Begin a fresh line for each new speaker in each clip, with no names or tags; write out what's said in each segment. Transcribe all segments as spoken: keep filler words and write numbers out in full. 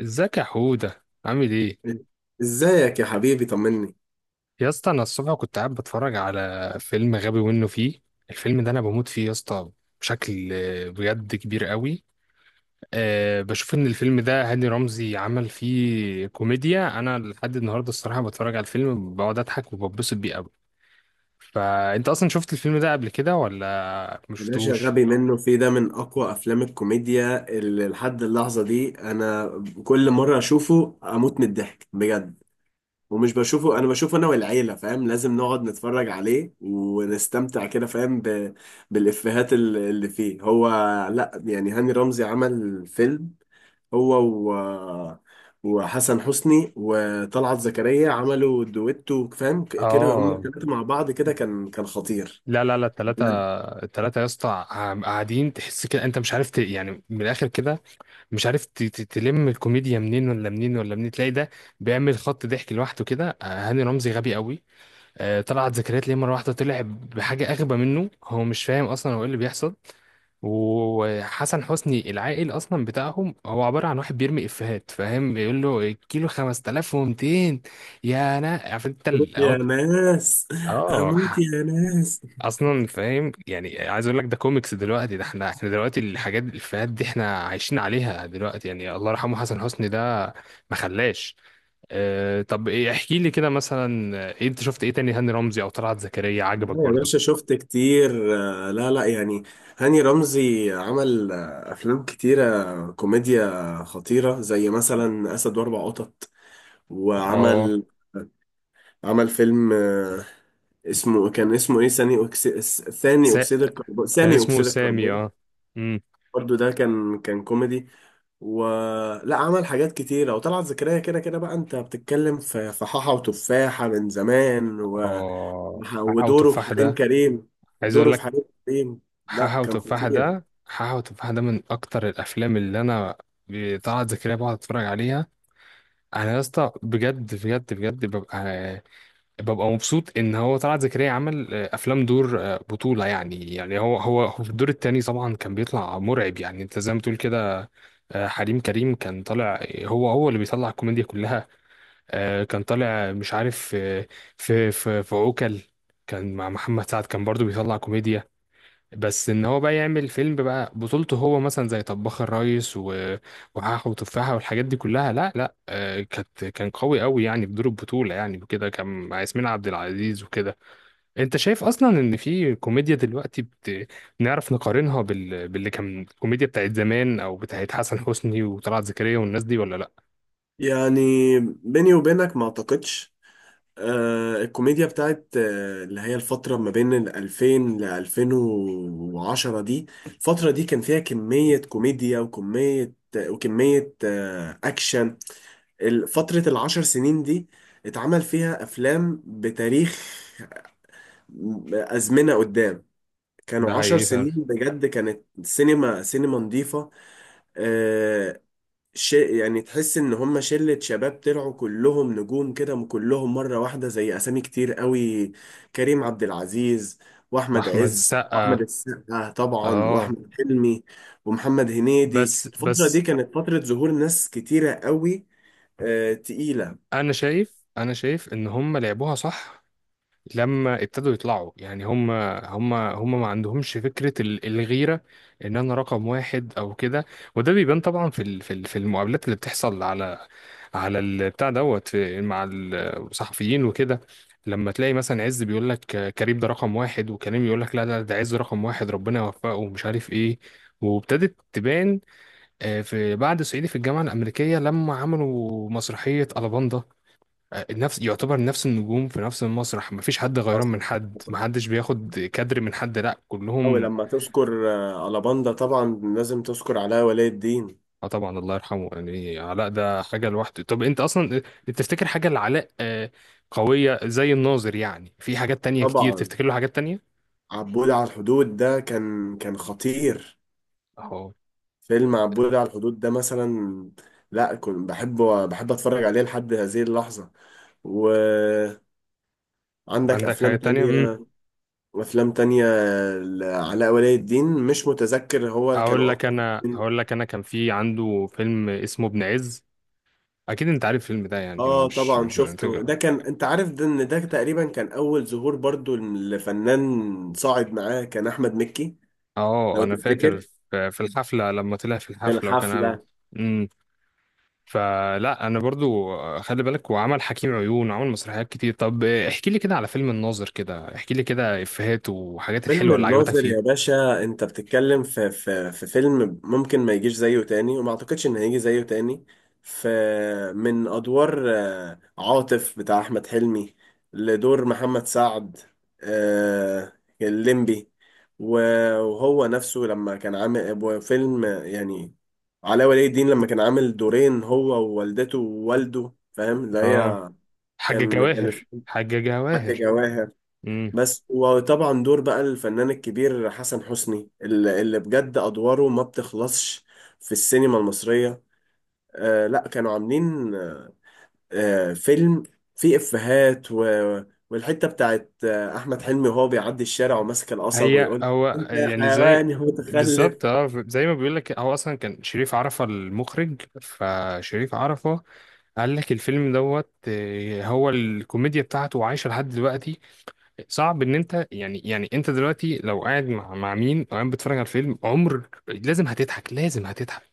ازيك يا حودة عامل ايه؟
ازيك يا حبيبي، طمني.
يا اسطى انا الصبح كنت قاعد بتفرج على فيلم غبي منه فيه. الفيلم ده انا بموت فيه يا اسطى، بشكل آه، بجد كبير قوي. أه بشوف ان الفيلم ده هاني رمزي عمل فيه كوميديا، انا لحد النهارده الصراحه بتفرج على الفيلم بقعد اضحك وببسط بيه قوي. فانت اصلا شفت الفيلم ده قبل كده ولا
يا باشا
مشفتوش؟
غبي منه في ده من اقوى افلام الكوميديا اللي لحد اللحظه دي. انا كل مره اشوفه اموت من الضحك بجد. ومش بشوفه انا، بشوفه انا والعيله، فاهم؟ لازم نقعد نتفرج عليه ونستمتع كده، فاهم؟ ب... بالافيهات ال- اللي فيه هو. لا يعني هاني رمزي عمل فيلم هو و... وحسن حسني وطلعت زكريا، عملوا دويتو فاهم ك- كده، هم
اه،
الثلاثه مع بعض كده، كان كان خطير.
لا لا لا، التلاتة
مبروك.
التلاتة يا اسطى، عم- قاعدين، تحس كده انت مش عارف ت... يعني من الاخر كده مش عارف ت- ت- تلم الكوميديا منين ولا منين ولا منين، تلاقي ده بيعمل خط ضحك لوحده كده. آه، هاني رمزي غبي قوي، آه، طلعت زكريا ليه مرة واحدة طلع بحاجة أغبى منه، هو مش فاهم أصلا هو إيه اللي بيحصل. وحسن حسني العائل أصلا بتاعهم، هو عبارة عن واحد بيرمي إفيهات، فاهم، بيقول له الكيلو خمسة آلاف ومئتين يا أنا عارف أنت ال-
يا
أهو-
ناس
اه.
هموت يا ناس.
اصلا فاهم، يعني عايز اقول لك ده كوميكس دلوقتي، ده احنا احنا دلوقتي الحاجات الافيهات دي احنا عايشين عليها دلوقتي، يعني الله يرحمه حسن حسني ده ما خلاش. اه طب ايه، احكي لي كده مثلا، آه، ايه انت شفت ايه تاني هاني رمزي او طلعت زكريا عجبك
لا يا
برضو؟
باشا، شفت كتير. آه، لا لا يعني هاني رمزي عمل آه، أفلام كتيرة كوميديا خطيرة، زي مثلا أسد وأربع قطط.
اه.
وعمل عمل فيلم آه، اسمه، كان اسمه إيه؟ ثاني أكسي... ثاني
سا...
أكسيد الكربون،
كان
سامي
اسمه
أكسيد
سامي،
الكربون.
اه. امم
برضه ده كان كان كوميدي. ولا عمل حاجات كتيرة. وطلعت زكريا كده كده بقى، أنت بتتكلم في في حاحة وتفاحة من زمان و...
اه، حاحة
ودوره في
وتفاحة
حريم
ده،
كريم،
عايز اقول
دوره في
لك،
حريم كريم. لا
حاحة
كان
وتفاحة
خطير.
ده حاحة وتفاحة ده من اكتر الافلام اللي انا ب- طلعت زكريا بقعد اتفرج عليها. انا يا اسطى بجد بجد بجد ببقى ببقى مبسوط ان هو طلعت زكريا عمل آه، افلام، دور آه، بطولة، يعني يعني هو هو هو في الدور التاني طبعا كان بيطلع مرعب، يعني انت زي ما تقول كده. آه، حريم كريم كان طالع هو هو اللي بيطلع الكوميديا كلها، آه، كان طالع مش عارف، آه، في في في عوكل كان مع محمد سعد كان برضو بيطلع كوميديا. بس ان هو بقى يعمل فيلم بقى بطولته هو، مثلا زي طباخ الريس و... وحاح وتفاحة والحاجات دي كلها، لا لا، آه، كانت كان قوي قوي يعني في دور البطولة، يعني وكده كان مع ياسمين عبد العزيز وكده. انت شايف اصلا ان في كوميديا دلوقتي بت... نعرف نقارنها بال... باللي كان الكوميديا بتاعت زمان او بتاعت حسن حسني وطلعت زكريا والناس دي ولا لا؟
يعني بيني وبينك ما اعتقدش. آه الكوميديا بتاعت آه اللي هي الفترة ما بين ال ألفين ل ألفين وعشرة، دي الفترة دي كان فيها كمية كوميديا وكمية وكمية آه أكشن. ال- فترة العشر سنين دي اتعمل فيها أفلام بتاريخ، آه، أزمنة قدام.
ده
كانوا عشر
حقيقي فعلا.
سنين بجد، كانت سينما، سينما نظيفة. آه شيء يعني تحس ان هم شلة شباب طلعوا كلهم نجوم كده، كلهم مرة واحدة. زي اسامي كتير قوي، كريم عبد العزيز واحمد
واحمد
عز
السقا،
واحمد السقا طبعا
اه.
واحمد حلمي ومحمد هنيدي.
بس
الفترة دي
بس
كانت فترة ظهور ناس كتيرة قوي، آه تقيلة.
انا شايف، انا شايف ان هم لعبوها صح. لما ابتدوا يطلعوا، يعني هم هم هم ما عندهمش فكرة ال- الغيرة، ان انا رقم واحد او كده. وده بيبان طبعا في ال- في ال- في المقابلات اللي بتحصل على على البتاع دوت في- مع الصحفيين وكده، لما تلاقي مثلا عز بيقول لك كريم ده رقم واحد، وكريم يقول لك لا لا، ده عز رقم واحد، ربنا يوفقه ومش عارف ايه. وابتدت تبان، آه، في بعد صعيدي في الجامعة الأمريكية لما عملوا مسرحية ألاباندا، آه، نفس يعتبر نفس النجوم في نفس المسرح، مفيش حد غيران من
حصل
حد،
حصل
محدش بياخد كادر من حد، لا
أو
كلهم.
لما تذكر آه، على باندا طبعا لازم تذكر علاء ولي الدين.
اه طبعا الله يرحمه، يعني علاء ده حاجة لوحده. طب انت اصلا تفتكر حاجة لعلاء آه، قوية زي الناظر؟ يعني في حاجات تانية كتير
طبعا،
تفتكر له حاجات تانية؟
عبود على الحدود ده كان كان خطير.
اهو.
فيلم عبود على الحدود ده مثلا، لا كنت بحبه، بحب اتفرج عليه لحد هذه اللحظة. وعندك
عندك
افلام
حاجة تانية؟ امم
تانية، وافلام تانية لعلاء ولي الدين، مش متذكر، هو
اقول
كانوا
لك،
اقوى
انا
فيلمين.
هقول لك انا كان في عنده فيلم اسمه ابن عز، اكيد انت عارف الفيلم ده يعني
اه
مش
طبعا
مش محتاج.
شفته ده، كان انت عارف ده، ان ده تقريبا كان اول ظهور برضو لفنان صاعد معاه، كان احمد مكي.
اه
لو
انا فاكر،
تفتكر،
في في الحفلة لما طلع في
كان
الحفلة وكان عامل-
حفلة.
مم. فلا انا برضو آه، خلي بالك وعمل حكيم عيون وعمل مسرحيات كتير. طب احكي لي كده على فيلم الناظر، كده احكي لي كده افيهات وحاجات
فيلم
الحلوه اللي عجبتك
الناظر يا
فيه.
باشا، انت بتتكلم في في في فيلم ممكن ما يجيش زيه تاني، وما اعتقدش ان هيجي زيه تاني. في من ادوار آه، عاطف بتاع احمد حلمي، لدور محمد سعد آه، الليمبي. و- وهو نفسه لما كان عامل وفيلم يعني علاء ولي الدين لما كان عامل دورين هو، ووالدته ووالده، فاهم اللي
اه،
هي
حاجة
كان كان
جواهر،
اسمه
حاجة
حاجة
جواهر.
جواهر.
امم.
بس وطبعا دور بقى الفنان الكبير حسن حسني، اللي اللي بجد أدواره ما بتخلصش في السينما المصرية. آه لا كانوا عاملين آه فيلم فيه إفيهات و... والحتة بتاعت آه أحمد حلمي وهو بيعدي الشارع وماسك القصب
هي
ويقول
هو
أنت يا
يعني زي،
حيوان يا متخلف.
بالظبط اه، زي ما بيقول لك هو اصلا كان شريف عرفة المخرج، فشريف عرفة قال لك الفيلم دوت، آه، هو الكوميديا بتاعته عايشة لحد دلوقتي. صعب ان انت يعني، يعني انت دلوقتي لو قاعد مع مع مين، او قاعد بتتفرج على الفيلم عمر، لازم هتضحك، لازم هتضحك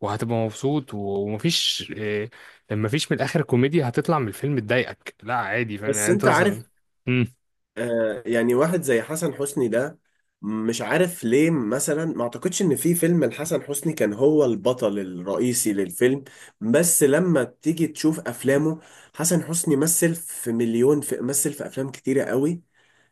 وهتبقى مبسوط و- ومفيش إيه، مفيش من الاخر كوميديا هتطلع من الفيلم تضايقك، لا عادي، فاهم
بس
يعني، انت
أنت عارف،
اصلا. مم.
آه يعني واحد زي حسن حسني ده، مش عارف ليه مثلا، ما اعتقدش ان في فيلم لحسن حسني كان هو البطل الرئيسي للفيلم. بس لما تيجي تشوف افلامه، حسن حسني مثل في مليون، في مثل في افلام كتيرة قوي،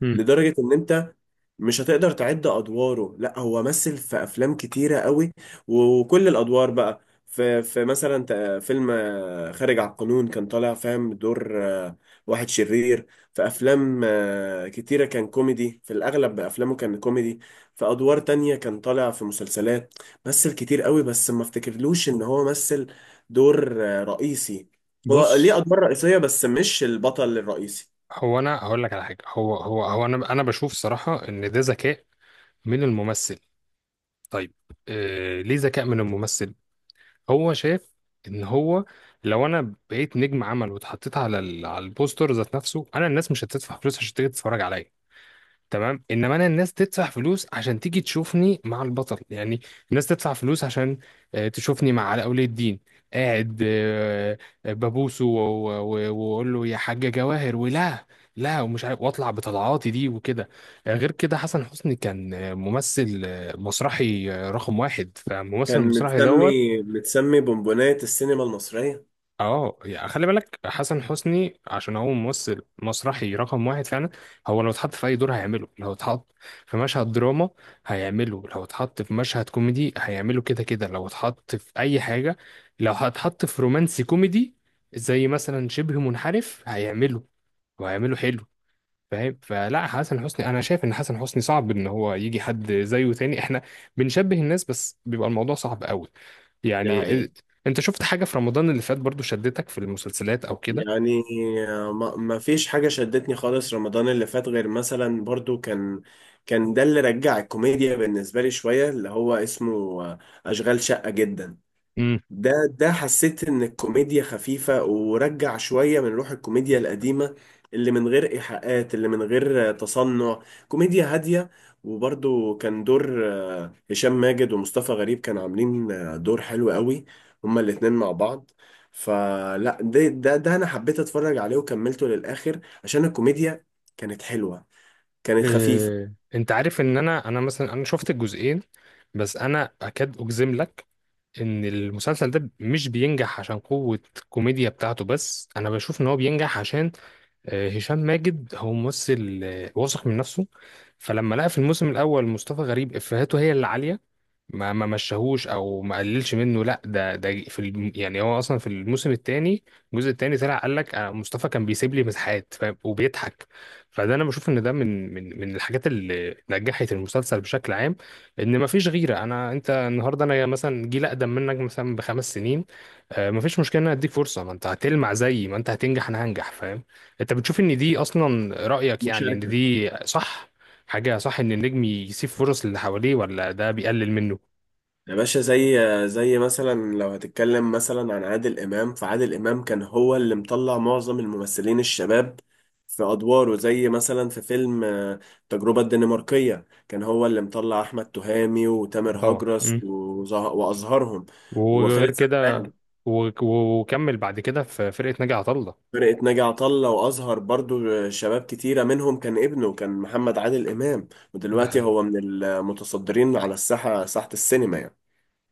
مم.
لدرجة ان انت مش هتقدر تعد ادواره. لا هو مثل في افلام كتيره قوي، وكل الادوار بقى. في في مثلا ت- فيلم آه، خارج على القانون، كان طالع فاهم دور آه، واحد شرير. في افلام آه، كتيره كان كوميدي، في الاغلب افلامه كان كوميدي. في ادوار تانية كان طالع في مسلسلات، مثل كتير قوي، بس ما افتكرلوش ان هو مثل دور آه، رئيسي. هو ليه
بص،
ادوار رئيسيه بس مش البطل الرئيسي.
هو انا هقول لك على حاجه، هو هو هو انا انا بشوف صراحه ان ده ذكاء من الممثل. طيب إيه ليه ذكاء من الممثل؟ هو شايف ان هو لو انا بقيت نجم عمل واتحطيت على ال- على البوستر ذات نفسه انا، الناس مش هتدفع فلوس عشان تيجي تتفرج عليا، تمام؟ انما انا الناس تدفع فلوس عشان تيجي تشوفني مع البطل، يعني الناس تدفع فلوس عشان آه، تشوفني مع علاء ولي الدين قاعد آه، آه، ببوسه و- و- واقول له يا حاجة جواهر، ولا لا، ومش عارف، واطلع بطلعاتي دي وكده. آه، غير كده حسن حسني كان آه، ممثل آه، مسرحي آه، رقم واحد، فالممثل
كان
المسرحي
متسمي،
دوت.
متسمي بونبونات السينما المصرية.
اه يعني خلي بالك، حسن حسني عشان هو ممثل مسرحي رقم واحد فعلا، هو لو اتحط في اي دور هيعمله، لو اتحط في مشهد دراما هيعمله، لو اتحط في مشهد كوميدي هيعمله، كده كده لو اتحط في اي حاجة، لو هتحط في رومانسي كوميدي زي مثلا شبه منحرف هيعمله وهيعمله حلو، فاهم. فلا حسن حسني انا شايف ان حسن حسني صعب ان هو يجي حد زيه تاني، احنا بنشبه الناس بس بيبقى الموضوع صعب قوي.
دي
يعني
حقيقة.
إيه- انت شفت حاجة في رمضان اللي فات برضو شدتك في المسلسلات او كده؟
يعني ما ما فيش حاجة شدتني خالص رمضان اللي فات، غير مثلا برضو كان، كان ده اللي رجع الكوميديا بالنسبة لي شوية، اللي هو اسمه أشغال شقة جدا.
امم.
ده ده حسيت ان الكوميديا خفيفة، ورجع شوية من روح الكوميديا القديمة، اللي من غير ايحاءات، اللي من غير تصنع، كوميديا هادية. وبرضو كان دور آه، هشام ماجد ومصطفى غريب، كانوا عاملين آه، دور حلو قوي، هما الاتنين مع بعض. فلا ده ده ده انا حبيت اتفرج عليه وكملته للاخر، عشان الكوميديا كانت حلوة، كانت خفيفة.
إيه، انت عارف ان انا انا مثلا انا شفت الجزئين، بس انا اكاد اجزم لك ان المسلسل ده مش بينجح عشان قوة الكوميديا بتاعته بس، انا بشوف ان هو بينجح عشان آه، هشام ماجد هو ممثل آه، واثق من نفسه. فلما لقى في الموسم الاول مصطفى غريب افهاته هي اللي عاليه، ما ما مشاهوش او ما قللش منه، لا ده ده في الم... يعني هو اصلا في الموسم الثاني، الجزء الثاني طلع قال لك آه، مصطفى كان بيسيب لي مساحات، فاهم؟ وبيضحك. فده انا بشوف ان ده من من من الحاجات اللي نجحت المسلسل بشكل عام، ان ما فيش غيره. انا انت النهارده، انا مثلا جيل اقدم منك مثلا بخمس سنين، آه، ما فيش مشكله ان أنا اديك فرصه، ما انت هتلمع زيي، ما انت هتنجح انا هنجح، فاهم. انت بتشوف ان دي اصلا رأيك، يعني ان
مشاركة.
دي صح؟ حاجة صح ان النجم يسيب فرص للي حواليه، ولا ده بيقلل منه؟
يا باشا زي، زي مثلا لو هتتكلم مثلا عن عادل إمام، فعادل إمام كان هو اللي مطلع معظم الممثلين الشباب في أدواره، زي مثلا في فيلم آه، التجربة الدنماركية، كان هو اللي مطلع أحمد تهامي وتامر
طبعا.
هجرس
مم.
وزه- وأزهرهم
وغير
وخالد
كده
سرحان.
و- و- وكمل بعد كده في فرقة ناجي عطا الله.
فرقة ناجي عطا الله، وأزهر برضو آه، شباب كتيرة منهم، كان ابنه كان محمد عادل إمام،
ده
ودلوقتي
حقيقي.
هو من المتصدرين على الساحة، ساحة السينما يعني.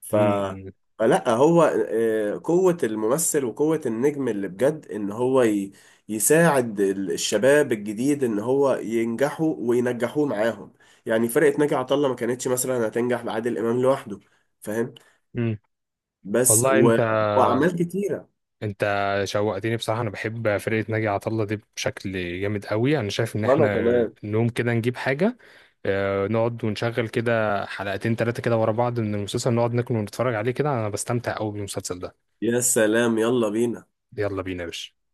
ف،
مم.
فلا هو آه، قوة الممثل وقوة النجم اللي بجد ان هو ي... يساعد ال- الشباب الجديد ان هو ينجحوا وينجحوه معاهم. يعني فرقة ناجي عطا الله ما كانتش مثلا هتنجح بعادل امام لوحده، فاهم؟
مم.
بس
والله
و...
انت،
واعمال كتيرة.
انت شوقتني بصراحة، انا بحب فرقة ناجي عطا الله دي بشكل جامد قوي. انا شايف ان
وانا
احنا
كمان
نقوم كده نجيب حاجة، اه، نقعد ونشغل كده حلقتين ثلاثة كده ورا بعض من المسلسل، نقعد ناكل ونتفرج عليه كده، انا بستمتع قوي بالمسلسل ده.
يا سلام، يلا بينا.
يلا بينا يا باشا.